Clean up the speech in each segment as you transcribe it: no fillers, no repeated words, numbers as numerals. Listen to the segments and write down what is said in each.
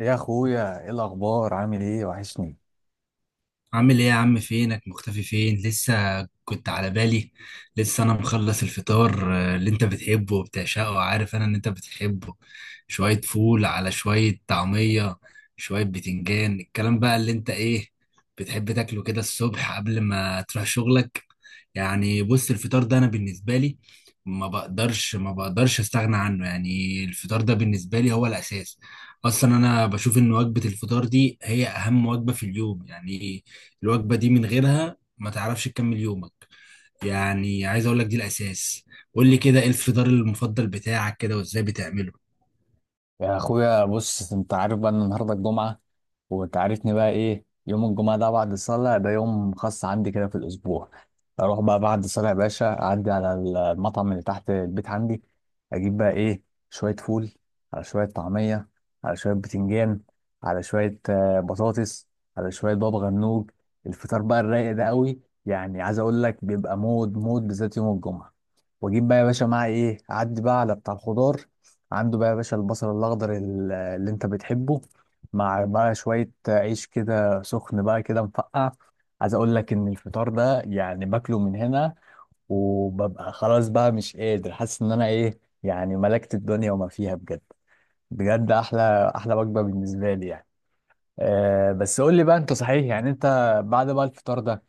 يا اخويا، ايه الاخبار؟ عامل ايه؟ وحشني. عامل ايه يا عم؟ فينك مختفي؟ فين لسه كنت على بالي. لسه انا مخلص الفطار، اللي انت بتحبه وبتعشقه، وعارف انا ان انت بتحبه. شوية فول على شوية طعمية، شوية بتنجان، الكلام بقى اللي انت ايه بتحب تاكله كده الصبح قبل ما تروح شغلك. يعني بص، الفطار ده انا بالنسبة لي ما بقدرش استغنى عنه. يعني الفطار ده بالنسبة لي هو الاساس. اصلا انا بشوف ان وجبة الفطار دي هي اهم وجبة في اليوم، يعني الوجبة دي من غيرها ما تعرفش تكمل يومك. يعني عايز اقول لك دي الاساس. قول لي كده، ايه الفطار المفضل بتاعك كده وازاي بتعمله؟ يا اخويا، بص، انت عارف بقى ان النهارده الجمعه. وانت عارفني بقى، ايه يوم الجمعه ده؟ بعد الصلاه ده يوم خاص عندي كده في الاسبوع. اروح بقى بعد الصلاه يا باشا، اعدي على المطعم اللي تحت البيت عندي، اجيب بقى ايه: شويه فول، على شويه طعميه، على شويه بتنجان، على شويه بطاطس، على شويه بابا غنوج. الفطار بقى الرايق ده قوي، يعني عايز اقول لك بيبقى مود مود بالذات يوم الجمعه. واجيب بقى يا باشا معاه ايه، اعدي بقى على بتاع الخضار، عنده بقى يا باشا البصل الاخضر اللي انت بتحبه، مع بقى شويه عيش كده سخن بقى كده مفقع. عايز اقول لك ان الفطار ده يعني باكله من هنا وببقى خلاص بقى مش قادر، حاسس ان انا ايه يعني، ملكت الدنيا وما فيها بجد. بجد احلى احلى وجبه بالنسبه لي يعني. أه، بس قول لي بقى انت، صحيح يعني انت بعد بقى الفطار ده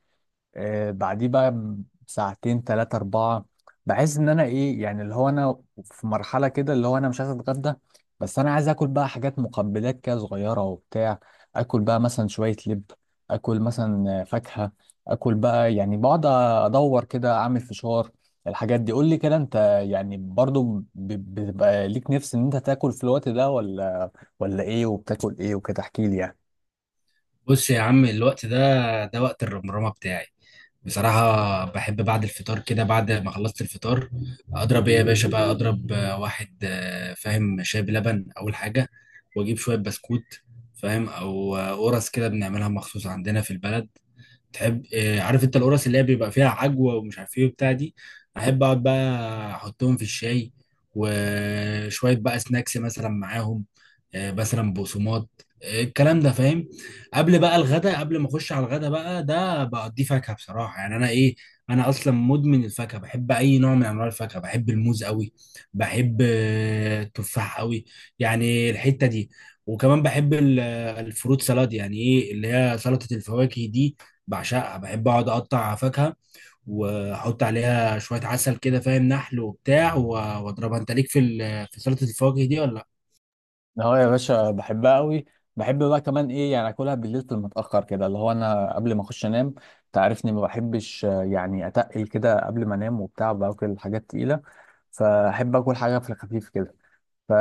بعديه بقى ساعتين 3 4، بحس إن أنا إيه يعني، اللي هو أنا في مرحلة كده اللي هو أنا مش عايز أتغدى. بس أنا عايز آكل بقى حاجات، مقبلات كده صغيرة وبتاع. آكل بقى مثلا شوية لب، آكل مثلا فاكهة، آكل بقى يعني بقعد أدور كده أعمل فشار. الحاجات دي قول لي كده أنت، يعني برضو بتبقى ليك نفس إن أنت تاكل في الوقت ده ولا، إيه؟ وبتاكل إيه وكده؟ احكي لي يعني. بص يا عم، الوقت ده ده وقت الرمرامة بتاعي. بصراحة بحب بعد الفطار كده، بعد ما خلصت الفطار، أضرب إيه يا باشا بقى، أضرب واحد، فاهم، شاي بلبن أول حاجة، وأجيب شوية بسكوت، فاهم؟ أو قرص، كده بنعملها مخصوص عندنا في البلد. تحب عارف انت القرص اللي هي بيبقى فيها عجوه ومش عارف ايه وبتاع دي؟ احب اقعد بقى احطهم في الشاي، وشويه بقى سناكس مثلا معاهم. مثلا بقسماط، الكلام ده، فاهم. قبل بقى الغدا، قبل ما اخش على الغدا بقى، ده بقضيه فاكهه، بصراحه يعني انا ايه، انا اصلا مدمن الفاكهه. بحب اي نوع من انواع الفاكهه، بحب الموز قوي، بحب التفاح قوي، يعني الحته دي. وكمان بحب الفروت سلاد، يعني ايه اللي هي سلطه الفواكه دي، بعشقها. بحب اقعد اقطع فاكهه واحط عليها شويه عسل كده، فاهم، نحل وبتاع، واضربها. انت ليك في سلطه الفواكه دي ولا لا؟ اه يا باشا، بحبها قوي. بحب بقى كمان ايه يعني اكلها بالليل في المتاخر كده، اللي هو انا قبل ما اخش انام. تعرفني ما بحبش يعني اتقل كده قبل ما انام وبتاع، باكل حاجات تقيله، فاحب اكل حاجه في الخفيف كده، ف...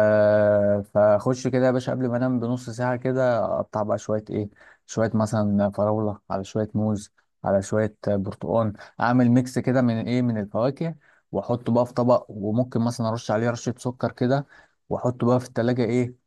فاخش كده يا باشا قبل ما انام بنص ساعه كده، اقطع بقى شويه ايه: شويه مثلا فراوله، على شويه موز، على شويه برتقال، اعمل ميكس كده من ايه، من الفواكه. واحطه بقى في طبق، وممكن مثلا ارش عليه رشه سكر كده، واحطه بقى في التلاجة ايه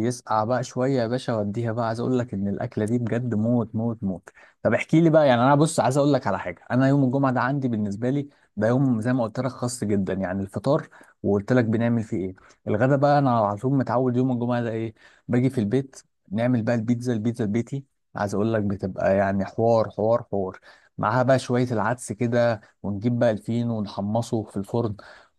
يسقع بقى شويه يا باشا واديها بقى. عايز اقول لك ان الاكله دي بجد موت موت موت. طب احكي لي بقى يعني، انا بص عايز اقول لك على حاجه، انا يوم الجمعه ده عندي بالنسبه لي ده يوم زي ما قلت لك خاص جدا. يعني الفطار، وقلت لك بنعمل فيه ايه. الغدا بقى انا على طول متعود يوم الجمعه ده ايه: باجي في البيت، نعمل بقى البيتزا البيتي. عايز اقول لك بتبقى يعني حوار حوار حوار، معاها بقى شويه العدس كده ونجيب بقى الفين ونحمصه في الفرن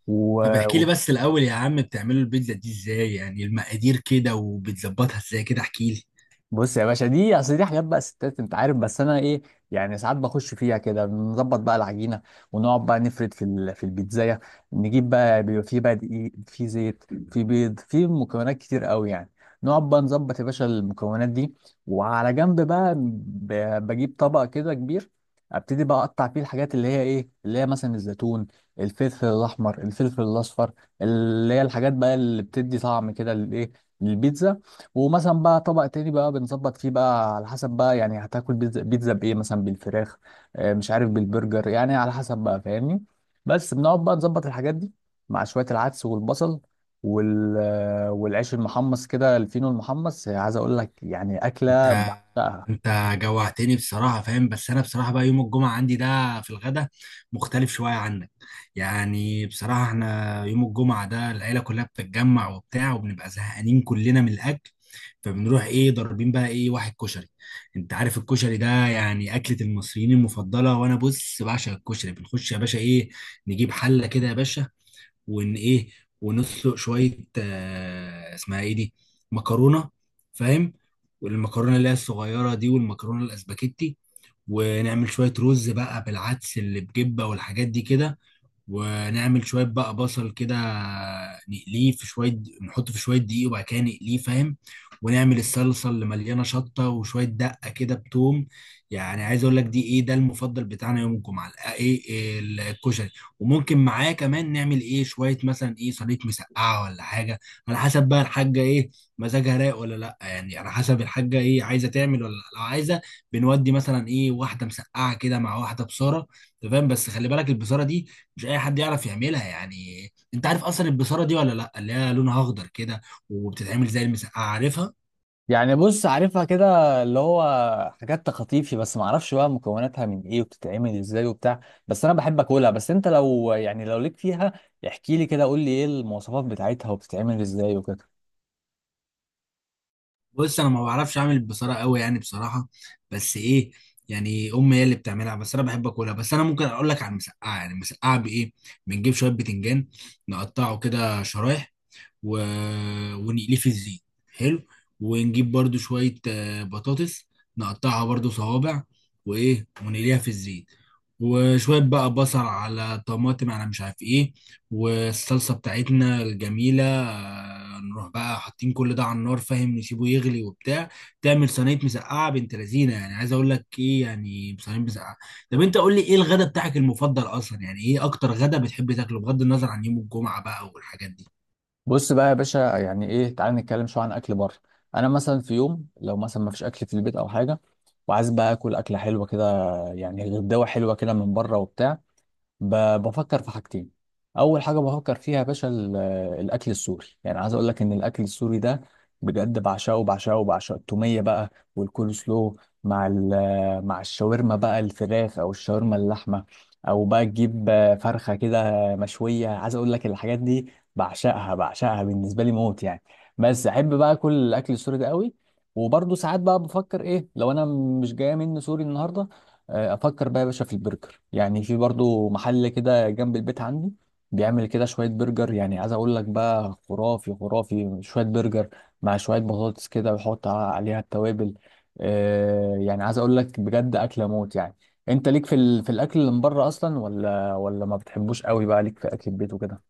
و... طب احكي لي بس الاول يا عم، بتعملوا البيتزا دي ازاي يعني؟ المقادير كده وبتظبطها ازاي كده، احكي لي. بص يا باشا، دي اصل دي حاجات بقى ستات انت عارف، بس انا ايه يعني ساعات بخش فيها كده نظبط بقى العجينه، ونقعد بقى نفرد في في البيتزايه. نجيب بقى، بيبقى في بقى دقيق، في زيت، في بيض، في مكونات كتير قوي يعني. نقعد بقى نظبط يا باشا المكونات دي، وعلى جنب بقى بجيب طبق كده كبير، ابتدي بقى اقطع فيه الحاجات اللي هي ايه، اللي هي مثلا الزيتون، الفلفل الاحمر، الفلفل الاصفر، اللي هي الحاجات بقى اللي بتدي طعم كده للايه، للبيتزا. ومثلا بقى طبق تاني بقى بنظبط فيه بقى على حسب بقى يعني هتاكل بيتزا، بيتزا بايه، مثلا بالفراخ، مش عارف بالبرجر، يعني على حسب بقى فاهمني. بس بنقعد بقى نظبط الحاجات دي، مع شوية العدس والبصل والعيش المحمص كده، الفينو المحمص. عايز اقول لك يعني اكلة انت بحبها. انت جوعتني بصراحة، فاهم؟ بس انا بصراحة بقى يوم الجمعة عندي ده في الغدا مختلف شوية عنك. يعني بصراحة احنا يوم الجمعة ده العيلة كلها بتتجمع وبتاع، وبنبقى زهقانين كلنا من الاكل، فبنروح ايه ضاربين بقى ايه واحد كشري. انت عارف الكشري ده يعني اكلة المصريين المفضلة، وانا بص بعشق الكشري. بنخش يا باشا ايه، نجيب حلة كده يا باشا، وان ايه، ونسلق شويه، آه اسمها ايه دي، مكرونه، فاهم، والمكرونه اللي هي الصغيره دي والمكرونه الاسباجيتي. ونعمل شويه رز بقى بالعدس اللي بجبه والحاجات دي كده، ونعمل شويه بقى بصل كده، نقليه في شويه، نحطه في شويه دقيق وبعد كده نقليه، فاهم. ونعمل الصلصه اللي مليانه شطه وشويه دقه كده بتوم. يعني عايز اقول لك دي ايه، ده المفضل بتاعنا يوم الجمعه، ايه، إيه الكشري. وممكن معاه كمان نعمل ايه شويه مثلا ايه صينيه مسقعه ولا حاجه، على حسب بقى الحاجه ايه مزاجها رايق ولا لا. يعني على حسب الحاجه ايه عايزه تعمل ولا لأ. لو عايزه بنودي مثلا ايه واحده مسقعه كده مع واحده بصاره، تمام. بس خلي بالك البصاره دي مش اي حد يعرف يعملها. يعني انت عارف اصلا البصاره دي ولا لا؟ اللي هي لونها اخضر كده وبتتعمل زي المسقعه، عارفها. يعني بص عارفها كده، اللي هو حاجات تخطيفي، بس ما اعرفش بقى مكوناتها من ايه وبتتعمل ازاي وبتاع. بس انا بحب اكلها، بس انت لو يعني لو ليك فيها احكي لي كده، قول لي ايه المواصفات بتاعتها وبتتعمل ازاي وكده. بص انا ما بعرفش اعمل البصاره قوي يعني بصراحه، بس ايه، يعني امي هي اللي بتعملها، بس انا بحب اكلها. بس انا ممكن اقول لك على المسقعه، يعني المسقعه بايه، بنجيب شويه بتنجان نقطعه كده شرايح، و... ونقليه في الزيت، حلو. ونجيب برضو شوية بطاطس، نقطعها برضو صوابع، وإيه ونقليها في الزيت. وشوية بقى بصل على طماطم على مش عارف إيه، والصلصة بتاعتنا الجميلة، نروح بقى حاطين كل ده على النار، فاهم، نسيبه يغلي وبتاع. تعمل صينية مسقعة بنت لذينة، يعني عايز أقول لك إيه، يعني صينية مسقعة. طب أنت قول لي إيه الغدا بتاعك المفضل أصلا؟ يعني إيه أكتر غدا بتحب تاكله بغض النظر عن يوم الجمعة بقى والحاجات دي؟ بص بقى يا باشا، يعني ايه، تعال نتكلم شويه عن اكل بره. انا مثلا في يوم لو مثلا ما فيش اكل في البيت او حاجه وعايز بقى اكل اكله حلوه كده، يعني غداوه حلوه كده من بره وبتاع، بفكر في حاجتين. اول حاجه بفكر فيها يا باشا الاكل السوري، يعني عايز اقول لك ان الاكل السوري ده بجد بعشقه بعشقه بعشقه. التوميه بقى والكول سلو، مع مع الشاورما بقى، الفراخ او الشاورما اللحمه، او بقى تجيب فرخه كده مشويه. عايز اقول لك الحاجات دي بعشقها بعشقها بالنسبه لي موت يعني، بس احب بقى اكل الاكل السوري ده قوي. وبرضه ساعات بقى بفكر ايه، لو انا مش جايه مني سوري النهارده، افكر بقى يا باشا في البرجر، يعني في برضو محل كده جنب البيت عندي بيعمل كده شويه برجر، يعني عايز اقول لك بقى خرافي خرافي. شويه برجر مع شويه بطاطس كده ويحط عليها التوابل، يعني عايز اقول لك بجد اكله موت يعني. انت ليك في في الاكل اللي من بره اصلا، ولا ما بتحبوش قوي، بقى ليك في اكل البيت وكده؟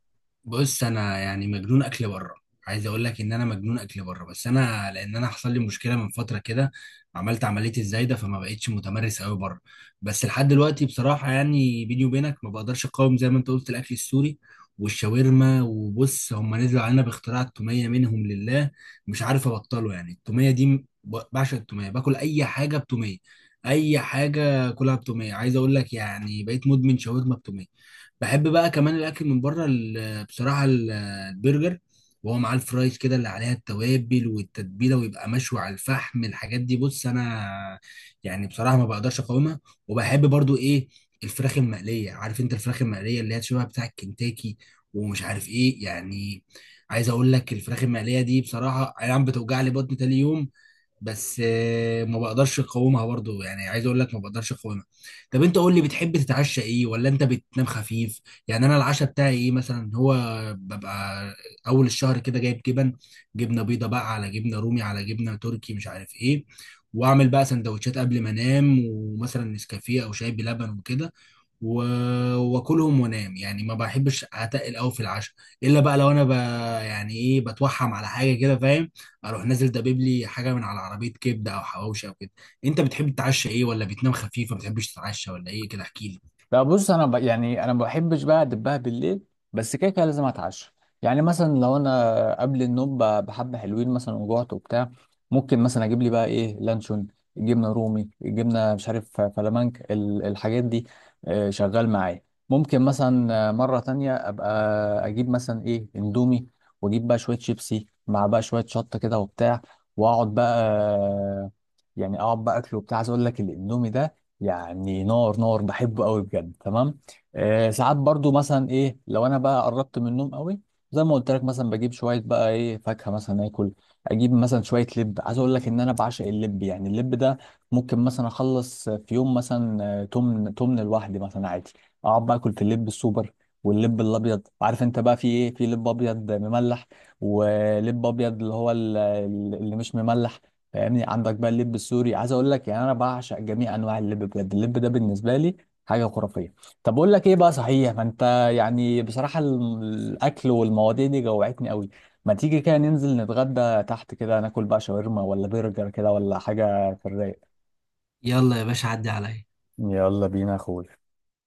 بص انا يعني مجنون اكل بره. عايز اقول لك ان انا مجنون اكل بره، بس انا لان انا حصل لي مشكله من فتره كده، عملت عمليه الزايده، فما بقتش متمرس قوي بره. بس لحد دلوقتي بصراحه يعني بيني وبينك ما بقدرش اقاوم، زي ما انت قلت، الاكل السوري والشاورما. وبص، هم نزلوا علينا باختراع التوميه منهم لله، مش عارف ابطله. يعني التوميه دي بعشق التوميه، باكل اي حاجه بتوميه، اي حاجه كلها بتوميه. عايز اقول لك يعني بقيت مدمن شاورما بتوميه. بحب بقى كمان الاكل من بره، بصراحه، البرجر، وهو معاه الفرايز كده اللي عليها التوابل والتتبيله، ويبقى مشوي على الفحم. الحاجات دي بص انا يعني بصراحه ما بقدرش اقاومها. وبحب برضو ايه، الفراخ المقليه، عارف انت الفراخ المقليه اللي هي شبه بتاع الكنتاكي ومش عارف ايه يعني؟ عايز اقول لك الفراخ المقليه دي بصراحه اي نعم بتوجع لي بطني تاني يوم، بس ما بقدرش اقاومها برضو. يعني عايز اقول لك ما بقدرش اقاومها. طب انت قول لي، بتحب تتعشى ايه، ولا انت بتنام خفيف؟ يعني انا العشاء بتاعي ايه مثلا، هو ببقى اول الشهر كده جايب جبن، جبنه بيضه بقى على جبنه رومي على جبنه تركي مش عارف ايه، واعمل بقى سندوتشات قبل ما انام، ومثلا نسكافيه او شاي بلبن وكده، و- واكلهم وانام. يعني ما بحبش اتقل قوي في العشاء، الا بقى لو انا يعني ايه بتوحم على حاجه كده، فاهم، اروح نازل دبيب لي حاجه من على عربيه كبده او حواوشي او كده. انت بتحب تتعشى ايه، ولا بتنام خفيف، ما بتحبش تتعشى ولا ايه كده؟ احكي لي. لا، بص انا يعني انا ما بحبش بقى ادبها بالليل، بس كده كده لازم اتعشى. يعني مثلا لو انا قبل النوم بحبه حلوين مثلا وجعت وبتاع، ممكن مثلا اجيب لي بقى ايه لانشون، جبنه رومي، جبنه مش عارف فلامنك، الحاجات دي شغال معايا. ممكن مثلا مره تانية ابقى اجيب مثلا ايه اندومي، واجيب بقى شويه شيبسي مع بقى شويه شطه كده وبتاع، واقعد بقى آه، يعني اقعد بقى اكله وبتاع. عايز اقول لك الاندومي ده يعني نار نار، بحبه قوي بجد، تمام. آه، ساعات برضو مثلا ايه لو انا بقى قربت من النوم قوي، زي ما قلت لك مثلا بجيب شويه بقى ايه فاكهه مثلا اكل، اجيب مثلا شويه لب. عايز اقول لك ان انا بعشق اللب، يعني اللب ده ممكن مثلا اخلص في يوم مثلا تمن تمن لوحدي مثلا عادي. اقعد بقى اكل في اللب السوبر واللب الابيض. عارف انت بقى في ايه: في لب ابيض مملح، ولب ابيض اللي هو اللي مش مملح، فاهمني، عندك بقى اللب السوري. عايز اقول لك يعني انا بعشق جميع انواع اللب، بجد اللب ده بالنسبه لي حاجه خرافيه. طب اقول لك ايه بقى، صحيح ما انت، يعني بصراحه الاكل والمواضيع دي جوعتني قوي. ما تيجي كده ننزل نتغدى تحت كده، ناكل بقى شاورما ولا برجر كده ولا حاجه في الرايق؟ يلا يا باشا، عدي عليا. يلا بينا يا اخوي.